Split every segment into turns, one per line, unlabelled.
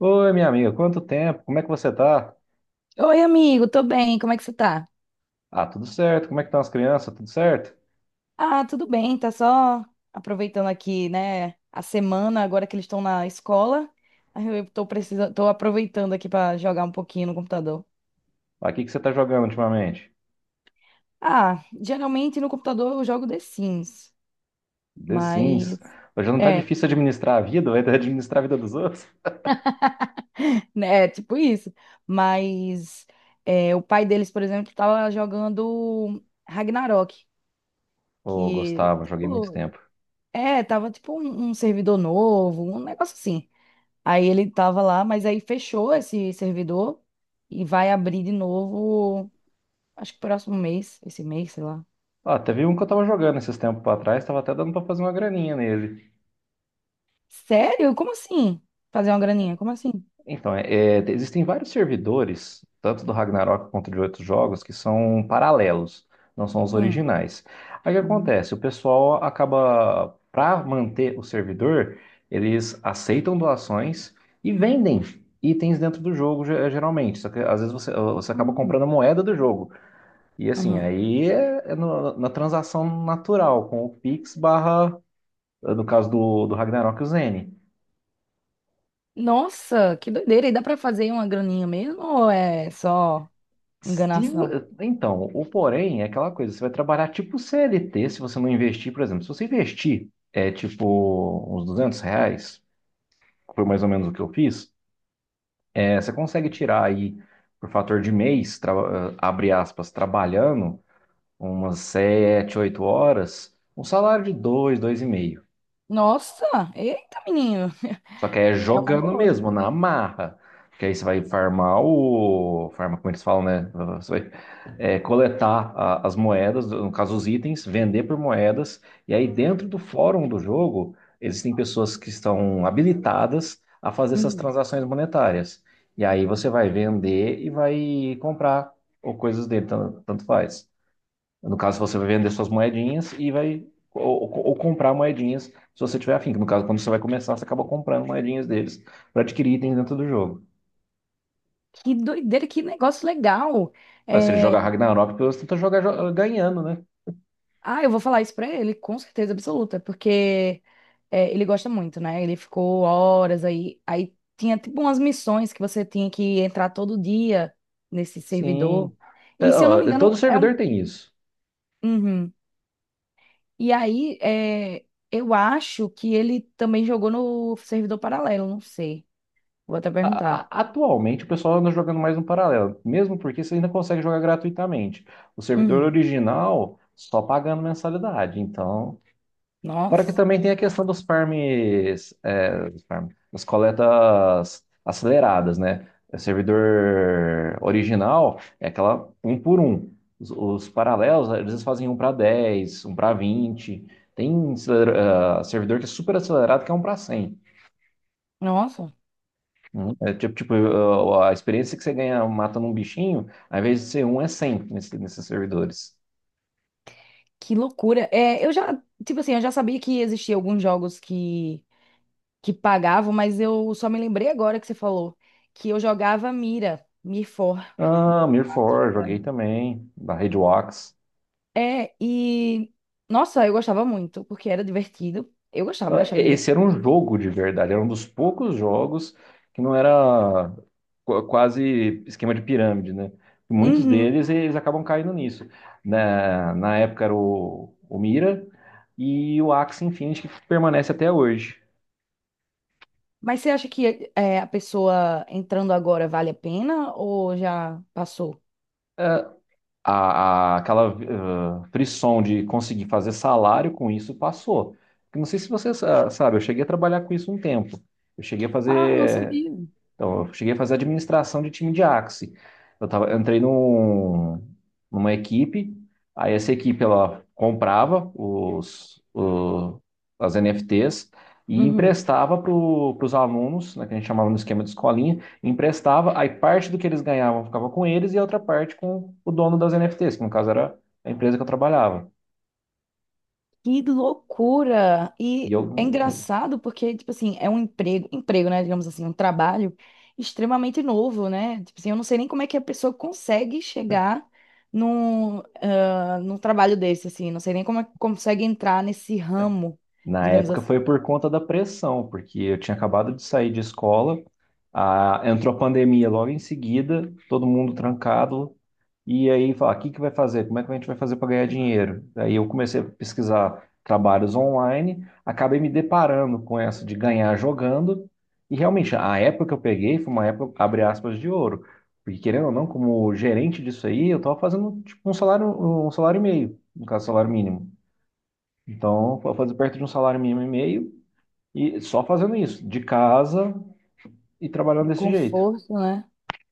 Oi, minha amiga, quanto tempo? Como é que você tá?
Oi, amigo, tô bem, como é que você tá?
Ah, tudo certo. Como é que estão as crianças? Tudo certo?
Ah, tudo bem, tá só aproveitando aqui, né, a semana, agora que eles estão na escola. Aí eu tô precisando, tô aproveitando aqui pra jogar um pouquinho no computador.
Ah, o que que você tá jogando ultimamente?
Ah, geralmente no computador eu jogo The Sims,
The Sims.
mas
Hoje não tá
é,
difícil administrar a vida, vai ter que administrar a vida dos outros?
né, é tipo isso. Mas é, o pai deles, por exemplo, tava jogando Ragnarok,
Ô,
que
Gustavo, joguei muito
tipo,
tempo.
é, tava tipo um servidor novo, um negócio assim. Aí ele tava lá, mas aí fechou esse servidor e vai abrir de novo, acho que próximo mês, esse mês, sei lá.
Ah, teve um que eu tava jogando esses tempos pra trás, tava até dando pra fazer uma graninha nele.
Sério? Como assim? Fazer uma graninha? Como assim?
Então, existem vários servidores, tanto do Ragnarok quanto de outros jogos, que são paralelos, não são os
Hum.
originais. Aí o que
Hum.
acontece? O pessoal acaba, para manter o servidor, eles aceitam doações e vendem itens dentro do jogo, geralmente. Só que às vezes você acaba comprando a
Hum.
moeda do jogo. E assim,
Uhum.
aí na transação natural, com o Pix barra, no caso do Ragnarok, o Zeni.
Nossa, que doideira! E dá pra fazer uma graninha mesmo ou é só
Se, vo-
enganação?
então, o porém é aquela coisa, você vai trabalhar tipo CLT se você não investir, por exemplo. Se você investir, é tipo uns R$ 200, que foi mais ou menos o que eu fiz, você consegue
Hum.
tirar aí, por fator de mês, abre aspas, trabalhando umas 7 8 horas, um salário de dois dois e meio.
Nossa, eita, menino,
Só que aí é
é uma
jogando
boa.
mesmo, na marra. Porque aí você vai farmar o. Farmar, como eles falam, né? Você vai coletar as moedas, no caso os itens, vender por moedas. E aí dentro do fórum do jogo, existem pessoas que estão habilitadas a fazer essas
Uhum.
transações monetárias. E aí você vai vender e vai comprar ou coisas dele, tanto faz. No caso, você vai vender suas moedinhas e vai. Ou comprar moedinhas se você tiver afim. No caso, quando você vai começar, você acaba comprando moedinhas deles para adquirir itens dentro do jogo.
Que doideira, que negócio legal.
Mas se ele
É,
joga Ragnarok, pelo menos tenta jogar ganhando, né?
ah, eu vou falar isso pra ele, com certeza absoluta, porque é, ele gosta muito, né? Ele ficou horas aí. Aí tinha tipo umas missões que você tinha que entrar todo dia nesse servidor.
Sim. É,
E se eu não
ó,
me engano,
todo
é um.
servidor tem isso.
Uhum. E aí, é, eu acho que ele também jogou no servidor paralelo, não sei. Vou até perguntar.
Atualmente o pessoal anda jogando mais no paralelo, mesmo porque você ainda consegue jogar gratuitamente. O servidor
Uhum.
original só pagando mensalidade. Então, fora que
Nossa,
também tem a questão dos farms, das coletas aceleradas, né? O servidor original é aquela um por um. Os paralelos, às vezes fazem um para 10, um para 20. Tem servidor que é super acelerado, que é um para 100.
nossa,
É tipo, a experiência que você ganha matando um bichinho, ao invés de ser um, é 100 nesses servidores.
que loucura. É, eu já, tipo assim, eu já sabia que existiam alguns jogos que pagavam, mas eu só me lembrei agora que você falou que eu jogava Mira, Mir 4,
Ah,
Mir
Mirror
4,
4, joguei
sabe?
também, da Red Wax.
É, e nossa, eu gostava muito, porque era divertido. Eu gostava, eu achava
Esse era
divertido.
um jogo de verdade, era um dos poucos jogos que não era quase esquema de pirâmide, né? Muitos
Uhum.
deles eles acabam caindo nisso. Na época era o Mira e o Axie Infinity que permanece até hoje.
Mas você acha que é, a pessoa entrando agora vale a pena ou já passou?
Ah, aquela frição de conseguir fazer salário com isso passou. Eu não sei se você sabe, eu cheguei a trabalhar com isso um tempo. Eu cheguei a
Ah, não
fazer
sabia.
Então, eu cheguei a fazer administração de time de Axie. Eu entrei numa equipe, aí essa equipe ela comprava as NFTs e
Uhum.
emprestava para os alunos, né, que a gente chamava no esquema de escolinha, emprestava, aí parte do que eles ganhavam ficava com eles e a outra parte com o dono das NFTs, que no caso era a empresa que eu trabalhava.
Que loucura!
E
E
eu,
é engraçado porque, tipo assim, é um emprego, emprego, né? Digamos assim, um trabalho extremamente novo, né? Tipo assim, eu não sei nem como é que a pessoa consegue chegar num, ah, num trabalho desse, assim. Não sei nem como é que consegue entrar nesse ramo,
na
digamos
época foi
assim,
por conta da pressão, porque eu tinha acabado de sair de escola, entrou a pandemia logo em seguida, todo mundo trancado, e aí falar, o que que vai fazer? Como é que a gente vai fazer para ganhar dinheiro? Aí eu comecei a pesquisar trabalhos online, acabei me deparando com essa de ganhar jogando, e realmente a época que eu peguei foi uma época, abre aspas, de ouro, porque querendo ou não, como gerente disso aí, eu estava fazendo tipo um salário e meio, no caso, salário mínimo. Então, eu fazer perto de um salário mínimo e meio e só fazendo isso, de casa e trabalhando
do
desse jeito.
conforto, né?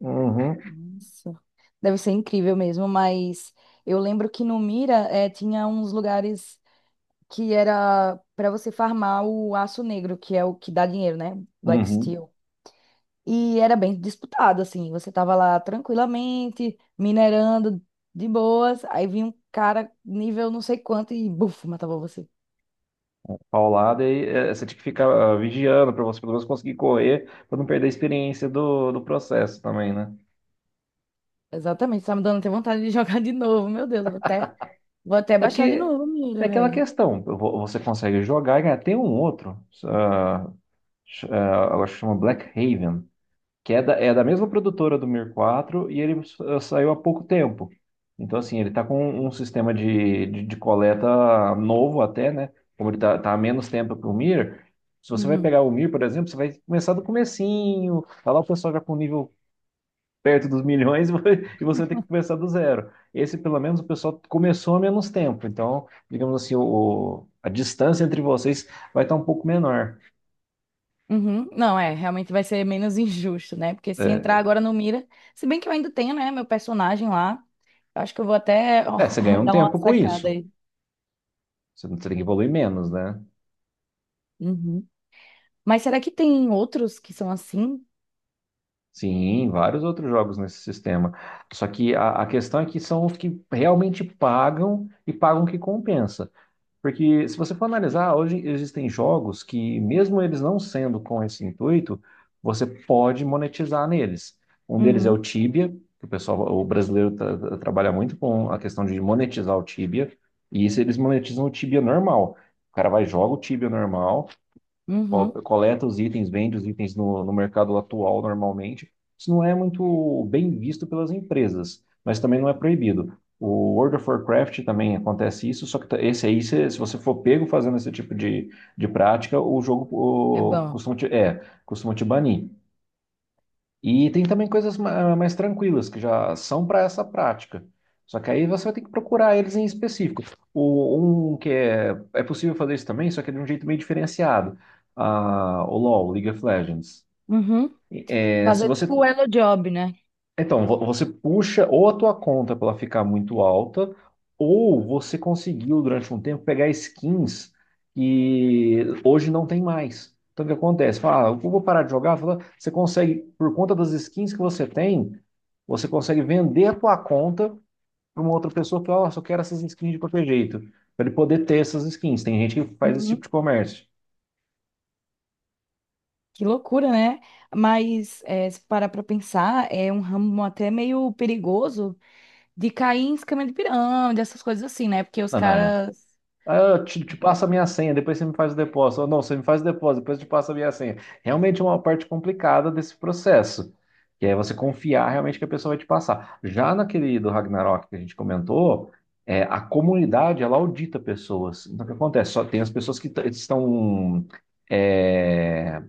Uhum,
Nossa, deve ser incrível mesmo, mas eu lembro que no Mira, tinha uns lugares que era para você farmar o aço negro, que é o que dá dinheiro, né? Black
uhum.
Steel. E era bem disputado, assim. Você tava lá tranquilamente, minerando de boas, aí vinha um cara nível não sei quanto e buf, matava você.
Paulada, e você tinha que ficar vigiando para você pelo menos conseguir correr, para não perder a experiência do processo também, né?
Exatamente, tá me dando até vontade de jogar de novo. Meu Deus, vou até
É
baixar de
porque
novo,
é
amiga,
aquela
velho.
questão, você consegue jogar e ganhar. Tem um outro, ah, eu acho que chama Black Haven, que é da mesma produtora do Mir 4 e ele saiu há pouco tempo. Então, assim, ele está com um sistema de coleta novo até, né? Como ele está tá tá há menos tempo que o Mir, se você vai
Uhum.
pegar o Mir, por exemplo, você vai começar do comecinho, tá lá o pessoal já com o nível perto dos milhões e e você vai ter que começar do zero. Esse, pelo menos, o pessoal começou há menos tempo. Então, digamos assim, a distância entre vocês vai estar um pouco menor.
Uhum. Não, é, realmente vai ser menos injusto, né? Porque se entrar agora no Mira, se bem que eu ainda tenho, né, meu personagem lá, eu acho que eu vou até
É, você ganha um
dar uma
tempo com
sacada
isso.
aí.
Você tem que evoluir menos, né?
Uhum. Mas será que tem outros que são assim?
Sim, vários outros jogos nesse sistema. Só que a questão é que são os que realmente pagam e pagam o que compensa. Porque se você for analisar, hoje existem jogos que, mesmo eles não sendo com esse intuito, você pode monetizar neles. Um deles é o
Uhum.
Tibia, que o pessoal, o brasileiro trabalha muito com a questão de monetizar o Tibia, e isso eles monetizam o Tibia normal. O cara vai e joga o Tibia normal,
Uhum.
coleta os itens, vende os itens no mercado atual normalmente. Isso não é muito bem visto pelas empresas, mas também não é proibido. O World of Warcraft também acontece isso, só que esse aí, se você for pego fazendo esse tipo de prática, o jogo
É
o,
bom.
costuma te, é, costuma te banir. E tem também coisas mais tranquilas que já são para essa prática. Só que aí você vai ter que procurar eles em específico. Um que é possível fazer isso também, só que é de um jeito meio diferenciado. Ah, o LoL, League of Legends.
Uhum.
É, se
Fazer
você
tipo o Elo Job, né?
então, você puxa ou a tua conta para ela ficar muito alta, ou você conseguiu durante um tempo pegar skins que hoje não tem mais. Então, o que acontece? Fala, ah, eu vou parar de jogar. Fala, você consegue, por conta das skins que você tem, você consegue vender a tua conta para uma outra pessoa que fala, ah, só quero essas skins de qualquer jeito, para ele poder ter essas skins. Tem gente que faz esse tipo
Uhum.
de comércio.
Que loucura, né? Mas é, se parar para pensar, é um ramo até meio perigoso de cair em esquema de pirâmide, essas coisas assim, né? Porque os
Não, não, é.
caras
Aí eu te passo a minha senha, depois você me faz o depósito. Ou não, você me faz o depósito, depois eu te passo a minha senha. Realmente é uma parte complicada desse processo, que é você confiar realmente que a pessoa vai te passar. Já naquele do Ragnarok que a gente comentou, a comunidade, ela audita pessoas. Então, o que acontece? Só tem as pessoas que estão... é,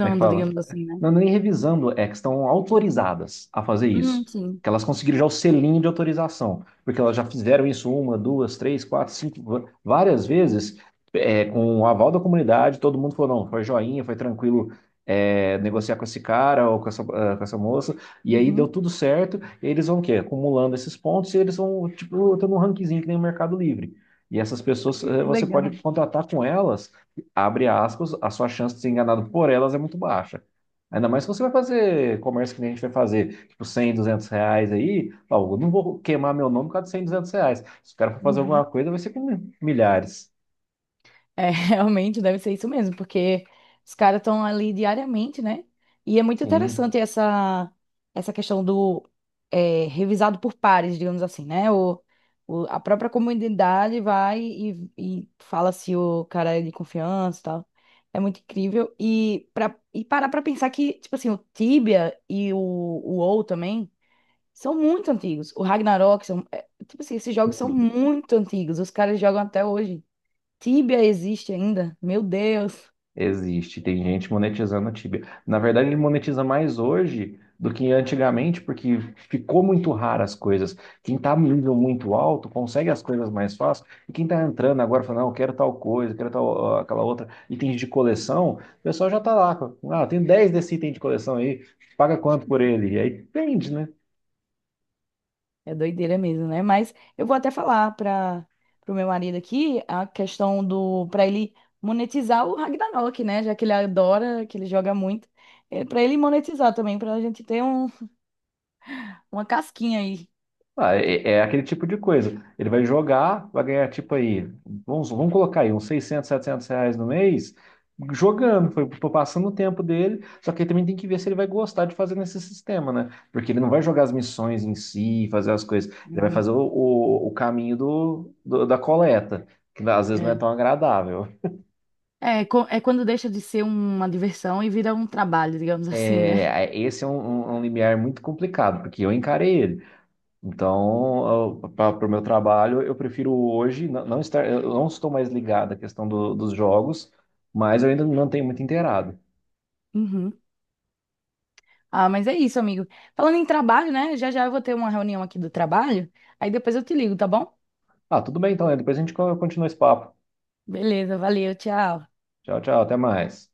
como é que fala?
digamos assim, né?
Não, nem revisando, é que estão autorizadas a fazer isso.
Sim.
Que elas conseguiram já o selinho de autorização, porque elas já fizeram isso uma, duas, três, quatro, cinco, várias vezes, com o aval da comunidade, todo mundo falou, não, foi joinha, foi tranquilo, negociar com esse cara ou com essa, com essa moça, e aí deu
Uhum.
tudo certo, e eles vão o quê? Acumulando esses pontos, e eles vão, tipo, tendo um rankingzinho que nem o Mercado Livre. E essas pessoas,
Que
você pode
legal.
contratar com elas, abre aspas, a sua chance de ser enganado por elas é muito baixa. Ainda mais se você vai fazer comércio que nem a gente vai fazer, tipo 100, R$ 200 aí, fala, eu não vou queimar meu nome por causa de 100, R$ 200. Se o cara for fazer alguma
Uhum.
coisa, vai ser com milhares.
É, realmente deve ser isso mesmo, porque os caras estão ali diariamente, né? E é muito
Sim.
interessante essa, essa questão do é, revisado por pares, digamos assim, né? O- a própria comunidade vai e fala se o cara é de confiança e tal. É muito incrível. E, pra, e parar pra pensar que, tipo assim, o Tibia e o WoW também são muito antigos. O Ragnarok, são, é, tipo assim, esses jogos são muito antigos. Os caras jogam até hoje. Tíbia existe ainda? Meu Deus,
Existe, tem gente monetizando o Tibia. Na verdade, ele monetiza mais hoje do que antigamente, porque ficou muito raro as coisas. Quem está num nível muito alto consegue as coisas mais fácil, e quem está entrando agora fala, não, eu quero tal coisa, eu quero tal, ó, aquela outra, itens de coleção, o pessoal já está lá. Ah, tem 10 desse item de coleção aí, paga quanto por ele? E aí vende, né?
é doideira mesmo, né? Mas eu vou até falar para o meu marido aqui a questão do para ele monetizar o Ragnarok, né? Já que ele adora, que ele joga muito, é, para ele monetizar também, para a gente ter um, uma casquinha aí.
Ah, é aquele tipo de coisa. Ele vai jogar, vai ganhar tipo aí, vamos, vamos colocar aí uns 600, R$ 700 no mês, jogando, foi passando o tempo dele. Só que ele também tem que ver se ele vai gostar de fazer nesse sistema, né? Porque ele não vai jogar as missões em si, fazer as coisas. Ele vai
Uhum.
fazer o caminho da coleta, que às vezes não é
É.
tão agradável.
É, co- é quando deixa de ser uma diversão e vira um trabalho, digamos assim, né?
É, esse é um limiar muito complicado, porque eu encarei ele. Então, para o meu trabalho, eu prefiro hoje não estar, eu não estou mais ligado à questão dos jogos, mas eu ainda não tenho muito inteirado.
Uhum. Ah, mas é isso, amigo. Falando em trabalho, né? Já já eu vou ter uma reunião aqui do trabalho, aí depois eu te ligo, tá bom?
Ah, tudo bem então, né? Depois a gente continua esse papo.
Beleza, valeu, tchau.
Tchau, tchau, até mais.